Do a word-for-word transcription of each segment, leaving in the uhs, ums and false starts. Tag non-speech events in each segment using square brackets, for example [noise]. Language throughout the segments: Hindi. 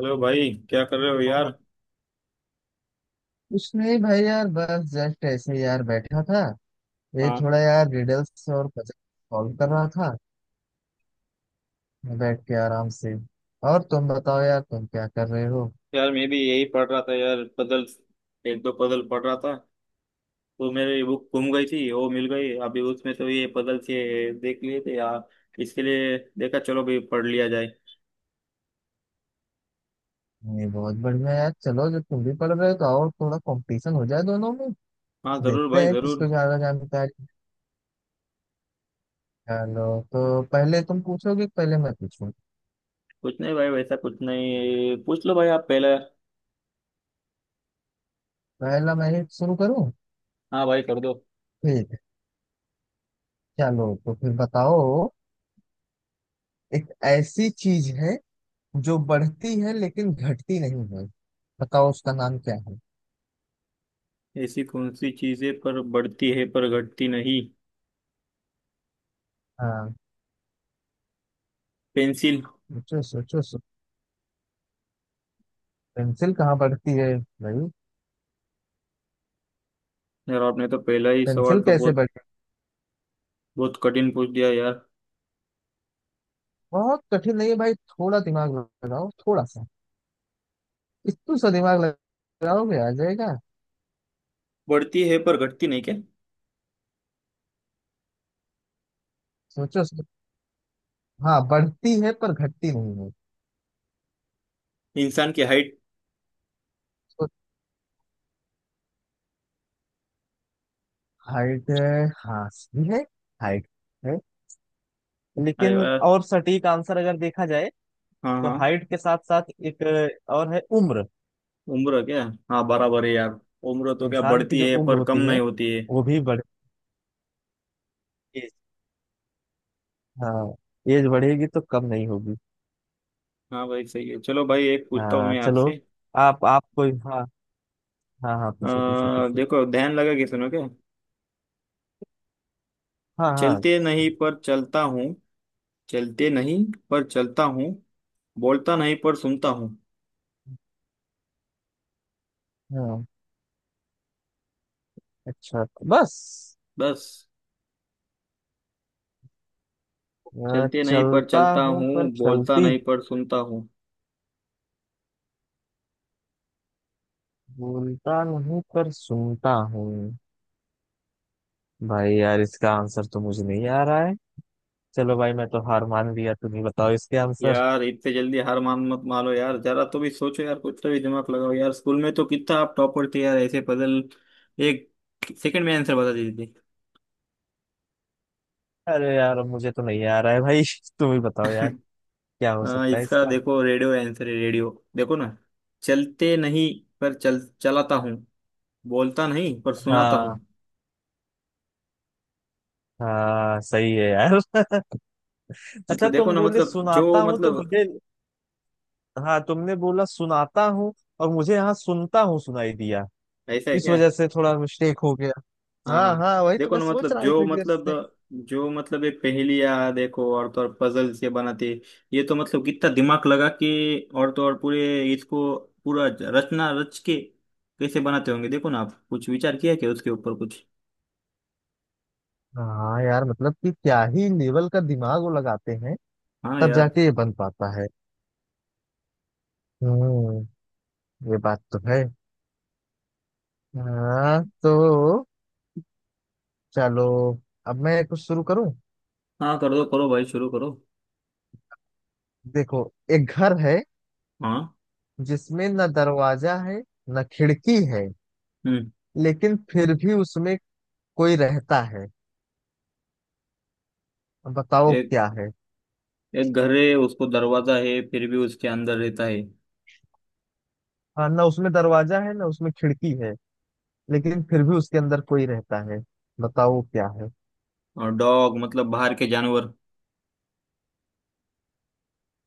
हेलो भाई, क्या कर रहे हो यार। और कुछ नहीं भाई यार बस जस्ट ऐसे ही यार बैठा था। ये हाँ। थोड़ा यार रिडल्स और पजल सॉल्व कर रहा था बैठ के आराम से। और तुम बताओ यार, तुम क्या कर रहे हो? यार मैं भी यही पढ़ रहा था यार, पजल। एक दो पजल पढ़ रहा था। तो मेरी बुक गुम गई थी, वो मिल गई अभी, उसमें तो ये पजल से देख लिए थे यार। इसके लिए देखा, चलो भाई, पढ़ लिया जाए। ये बहुत बढ़िया यार, चलो जब तुम भी पढ़ रहे हो तो और थोड़ा कंपटीशन हो जाए दोनों में। हाँ जरूर देखते भाई, हैं जरूर। किसको ज्यादा जानकारी। चलो तो पहले तुम पूछोगे कि पहले मैं पूछूं? कुछ नहीं भाई, वैसा कुछ नहीं, पूछ लो भाई, आप पहले। पहला मैं ही शुरू करूं? हाँ भाई, कर दो। ठीक है, चलो तो फिर बताओ। एक ऐसी चीज है जो बढ़ती है लेकिन घटती नहीं है। बताओ उसका नाम क्या है। ऐसी कौन सी चीजें पर बढ़ती है पर घटती नहीं? हाँ, पेंसिल। सोचो सोचो सो- पेंसिल कहाँ बढ़ती है भाई? यार आपने तो पहला ही सवाल पेंसिल तो कैसे बहुत बढ़ती है? बहुत कठिन पूछ दिया यार। बहुत कठिन नहीं है भाई, थोड़ा दिमाग लगाओ, थोड़ा सा। इतना सा दिमाग लगाओगे आ जाएगा। बढ़ती है पर घटती नहीं क्या? सोचो सो, हाँ, बढ़ती है पर घटती नहीं है। इंसान की हाइट। तो हाइट है, हाँ सही है। हाइट है, अरे लेकिन वाह। और सटीक आंसर अगर देखा जाए हाँ तो हाँ। हाइट के साथ साथ एक और है, उम्र। उम्र क्या? हाँ बराबर है यार। उम्र तो क्या इंसान की बढ़ती जो है उम्र पर कम होती नहीं है होती है। वो भी बढ़। एज। हाँ, एज बढ़ेगी तो कम नहीं होगी। हाँ भाई सही है, चलो भाई, एक पूछता हूँ हाँ मैं चलो। आपसे। आप आप कोई, हाँ। हाँ हाँ, अ, पूछो पूछो पूछो। देखो ध्यान लगा के सुनो क्या। हाँ हाँ चलते नहीं पर चलता हूँ। चलते नहीं पर चलता हूँ, बोलता नहीं पर सुनता हूँ। हाँ। अच्छा, बस। बस। अ, चलते नहीं पर चलता चलता हूँ पर हूँ, बोलता चलती। नहीं पर सुनता हूँ। बोलता नहीं पर सुनता हूँ। भाई यार इसका आंसर तो मुझे नहीं आ रहा है। चलो भाई मैं तो हार मान लिया, तुम ही बताओ इसके आंसर। यार इतने जल्दी हार मान मत मानो यार, जरा तो भी सोचो यार, कुछ तो भी दिमाग लगाओ यार, स्कूल में तो कितना आप टॉपर थे यार, ऐसे पजल एक सेकंड में आंसर बता देते थे। अरे यार अब मुझे तो नहीं आ रहा है भाई [laughs] तुम ही बताओ यार। [laughs] क्या हो हाँ सकता है इसका इसका? देखो, रेडियो आंसर है, रेडियो। देखो ना। चलते नहीं पर चल चलाता हूँ, बोलता नहीं पर सुनाता हूँ। हाँ हाँ, सही है यार। अच्छा मतलब देखो तुम ना, बोले मतलब सुनाता जो हूँ तो मतलब। मुझे, हाँ तुमने बोला सुनाता हूँ, और मुझे यहाँ सुनता हूँ सुनाई दिया। ऐसा है इस क्या? वजह से थोड़ा मिस्टेक हो गया। हाँ हाँ हाँ। हाँ, वही तो देखो मैं ना सोच मतलब, रहा जो इतनी देर मतलब, से। जो मतलब एक पहेलियाँ, देखो और तो और पजल से बनाते। ये तो मतलब कितना दिमाग लगा के, और तो और पूरे इसको पूरा रचना रच के कैसे बनाते होंगे। देखो ना आप कुछ विचार किया क्या उसके ऊपर कुछ? हाँ यार, मतलब कि क्या ही लेवल का दिमाग वो लगाते हैं हाँ तब यार। जाके ये बन पाता है। हम्म, ये बात तो है। हाँ तो चलो, अब मैं कुछ शुरू करूं। हाँ कर दो, करो भाई, शुरू करो। देखो, एक घर है हाँ। जिसमें न दरवाजा है न खिड़की है, हम्म। लेकिन फिर भी उसमें कोई रहता है। अब बताओ एक क्या है। एक घर है उसको दरवाजा है फिर भी उसके अंदर रहता है। हाँ, ना उसमें दरवाजा है ना उसमें खिड़की है, लेकिन फिर भी उसके अंदर कोई रहता है। बताओ क्या है। और डॉग, मतलब बाहर के जानवर।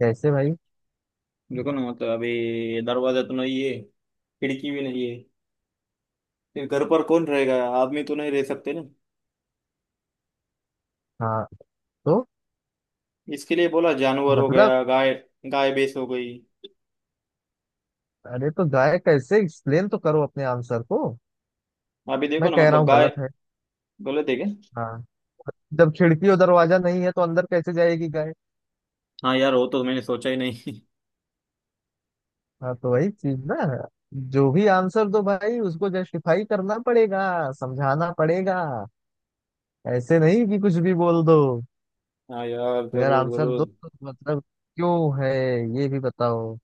कैसे भाई? देखो ना मतलब, अभी दरवाजा तो नहीं है, खिड़की भी नहीं है। फिर घर पर कौन रहेगा? आदमी तो नहीं रह सकते ना। हाँ तो इसके लिए बोला जानवर हो मतलब, गया, गाय। गाय भैंस हो गई। अरे तो गाय कैसे, एक्सप्लेन तो करो अपने आंसर को। अभी देखो मैं ना कह रहा मतलब, हूँ गाय। गलत है। गलत है क्या? हाँ, जब खिड़की और दरवाजा नहीं है तो अंदर कैसे जाएगी गाय? हाँ यार वो तो मैंने सोचा ही नहीं। हाँ तो वही चीज ना, जो भी आंसर दो भाई उसको जस्टिफाई करना पड़ेगा, समझाना पड़ेगा। ऐसे नहीं कि कुछ भी बोल दो। [laughs] हाँ यार अगर जरूर आंसर दो जरूर। तो मतलब क्यों है ये भी बताओ।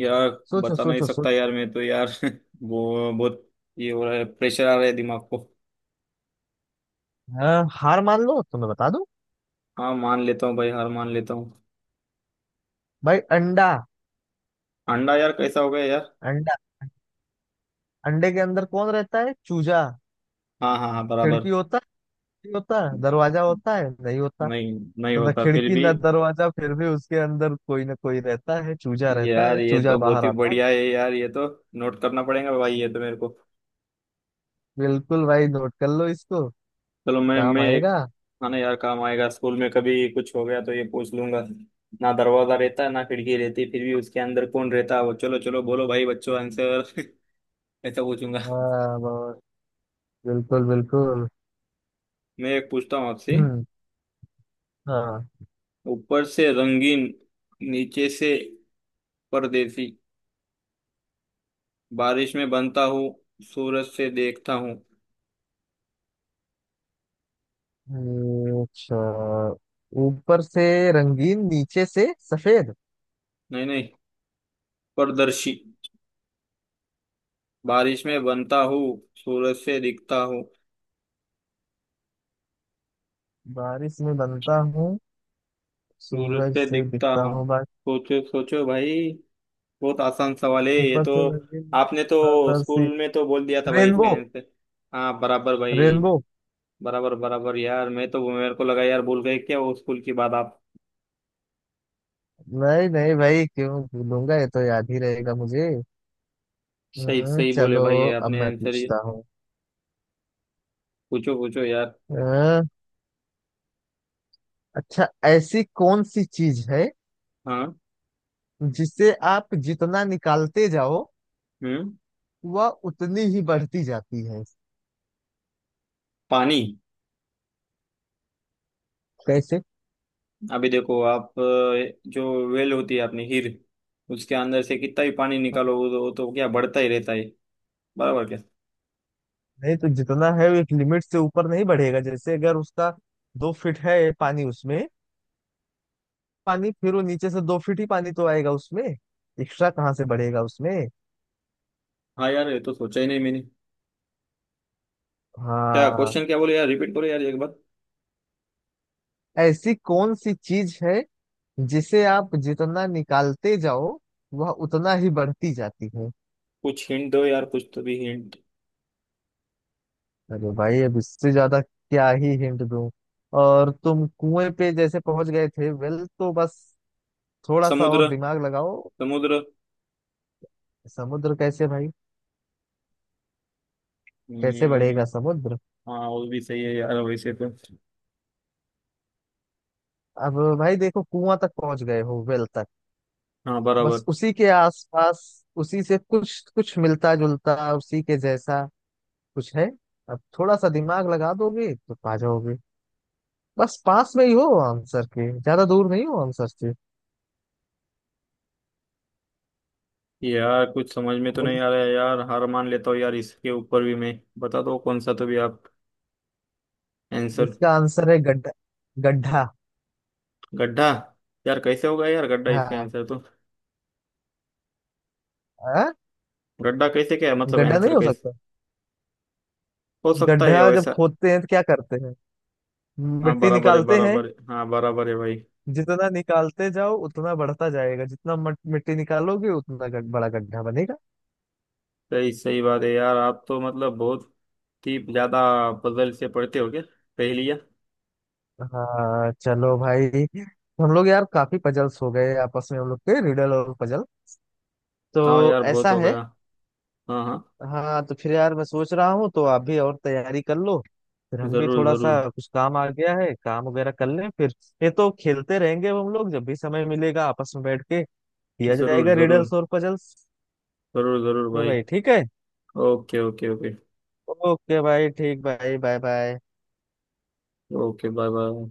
यार सोचो बता नहीं सोचो सकता सोचो। यार, मैं तो यार [laughs] वो बहुत। ये हो रहा है, प्रेशर आ रहा है दिमाग को। हाँ, हार मान लो तो मैं बता दूं। हाँ मान लेता हूँ भाई, हार मान लेता हूँ। भाई अंडा। अंडा, यार कैसा हो गया यार। अंडा, अंडे के अंदर कौन रहता है? चूजा। हाँ हाँ हाँ खिड़की बराबर। होता है नहीं होता है, दरवाजा होता है नहीं होता। नहीं। नहीं तो ना होता, फिर खिड़की भी। ना दरवाजा, फिर भी उसके अंदर कोई ना कोई रहता है, चूजा रहता यार है, ये चूजा तो बहुत बाहर ही आता है। बढ़िया है यार, ये तो नोट करना पड़ेगा भाई, ये तो मेरे को। बिल्कुल भाई, नोट कर लो इसको, चलो मैं काम मैं एक आएगा। खाना यार, काम आएगा। स्कूल में कभी कुछ हो गया तो ये पूछ लूंगा। ना दरवाजा रहता है, ना खिड़की रहती, फिर भी उसके अंदर कौन रहता है? वो चलो चलो बोलो भाई बच्चों, आंसर। [laughs] ऐसा पूछूंगा। हाँ बहुत- बिल्कुल बिल्कुल। मैं एक पूछता हूँ आपसे। हम्म, हाँ। ऊपर से रंगीन, नीचे से परदेसी, बारिश में बनता हूँ, सूरज से देखता हूँ। हम्म, अच्छा। ऊपर से रंगीन नीचे से सफेद, नहीं नहीं, पारदर्शी। बारिश में बनता हूँ, सूरज से दिखता हूँ। बारिश में बनता हूँ सूरज सूरज से से दिखता दिखता हूँ। हूँ बाकी। सोचो सोचो भाई, बहुत आसान सवाल है ये ऊपर तो। से रंगीन, आपने तो बरसी। स्कूल में तो बोल दिया था भाई रेनबो। इसका आंसर। हाँ बराबर भाई। रेनबो। बराबर बराबर यार, मैं तो मेरे को लगा यार भूल गए क्या वो स्कूल की बात आप। नहीं नहीं भाई, क्यों भूलूंगा, ये तो याद ही रहेगा मुझे। सही हम्म, सही बोले चलो भाई, ये अब आपने मैं आंसर ही। पूछता हूँ। पूछो पूछो यार। अ, अच्छा, ऐसी कौन सी चीज है हाँ। जिसे आप जितना निकालते जाओ हम्म। वह उतनी ही बढ़ती जाती है? पानी। कैसे? अभी देखो आप, अ, जो वेल होती है अपनी हीर, उसके अंदर से कितना भी पानी हाँ, निकालो वो तो वो तो क्या बढ़ता ही रहता है। बराबर क्या? नहीं तो जितना है वो एक लिमिट से ऊपर नहीं बढ़ेगा। जैसे अगर उसका दो फीट है पानी उसमें, पानी फिर वो नीचे से दो फीट ही पानी तो आएगा उसमें, एक्स्ट्रा कहाँ से बढ़ेगा उसमें। हाँ यार ये तो सोचा ही नहीं मैंने। क्या हाँ, क्वेश्चन क्या बोले यार, रिपीट करो यार एक बार। ऐसी कौन सी चीज है जिसे आप जितना निकालते जाओ वह उतना ही बढ़ती जाती है। कुछ हिंट दो यार, कुछ तो भी हिंट। अरे भाई अब इससे ज्यादा क्या ही हिंट दूं, और तुम कुएं पे जैसे पहुंच गए थे वेल, तो बस थोड़ा सा और समुद्र। दिमाग लगाओ। समुद्र। समुद्र कैसे भाई? कैसे बढ़ेगा हम्म। समुद्र? हाँ वो भी सही है यार वैसे तो। अब भाई देखो, कुआं तक पहुंच गए हो वेल तक, हाँ बस बराबर। उसी के आसपास, उसी से कुछ कुछ मिलता जुलता, उसी के जैसा कुछ है। अब थोड़ा सा दिमाग लगा दोगे तो पा जाओगे। बस पास में ही हो आंसर के, ज्यादा दूर नहीं हो आंसर से। यार कुछ समझ में तो नहीं खोलो, आ रहा है यार, हार मान लेता हूँ यार, इसके ऊपर भी मैं बता दो कौन सा तो भी आप आंसर। इसका आंसर है गड्ढा। गड्ढा। गड्ढा। यार कैसे होगा यार गड्ढा इसका हाँ। आंसर तो? हाँ? गड्ढा कैसे, क्या है मतलब, गड्ढा आंसर नहीं हो कैसे सकता? हो सकता है गड्ढा जब वैसा? खोदते हैं तो क्या करते हैं, हाँ मिट्टी बराबर है, निकालते हैं। बराबर है, हाँ बराबर है भाई। जितना निकालते जाओ उतना बढ़ता जाएगा, जितना मट- मिट्टी निकालोगे उतना गड- बड़ा गड्ढा बनेगा। सही सही बात है यार, आप तो मतलब बहुत ही ज्यादा पजल से पढ़ते हो क्या, पहेलियाँ। हाँ चलो भाई, हम लोग यार काफी पजल्स हो गए आपस में, हम लोग के रिडल और पजल, हाँ तो यार बहुत ऐसा हो है। गया। हाँ हाँ। हाँ तो फिर यार मैं सोच रहा हूँ तो आप भी और तैयारी कर लो, फिर हम भी जरूर थोड़ा सा जरूर, कुछ काम आ गया है काम वगैरह कर लें फिर। ये तो खेलते रहेंगे हम लोग, जब भी समय मिलेगा आपस में बैठ के किया जरूर जाएगा जरूर, रिडल्स और पजल्स। जरूर जरूर तो भाई। भाई ठीक है। Okay okay okay. ओके भाई, ठीक भाई, bye bye. Okay bye bye.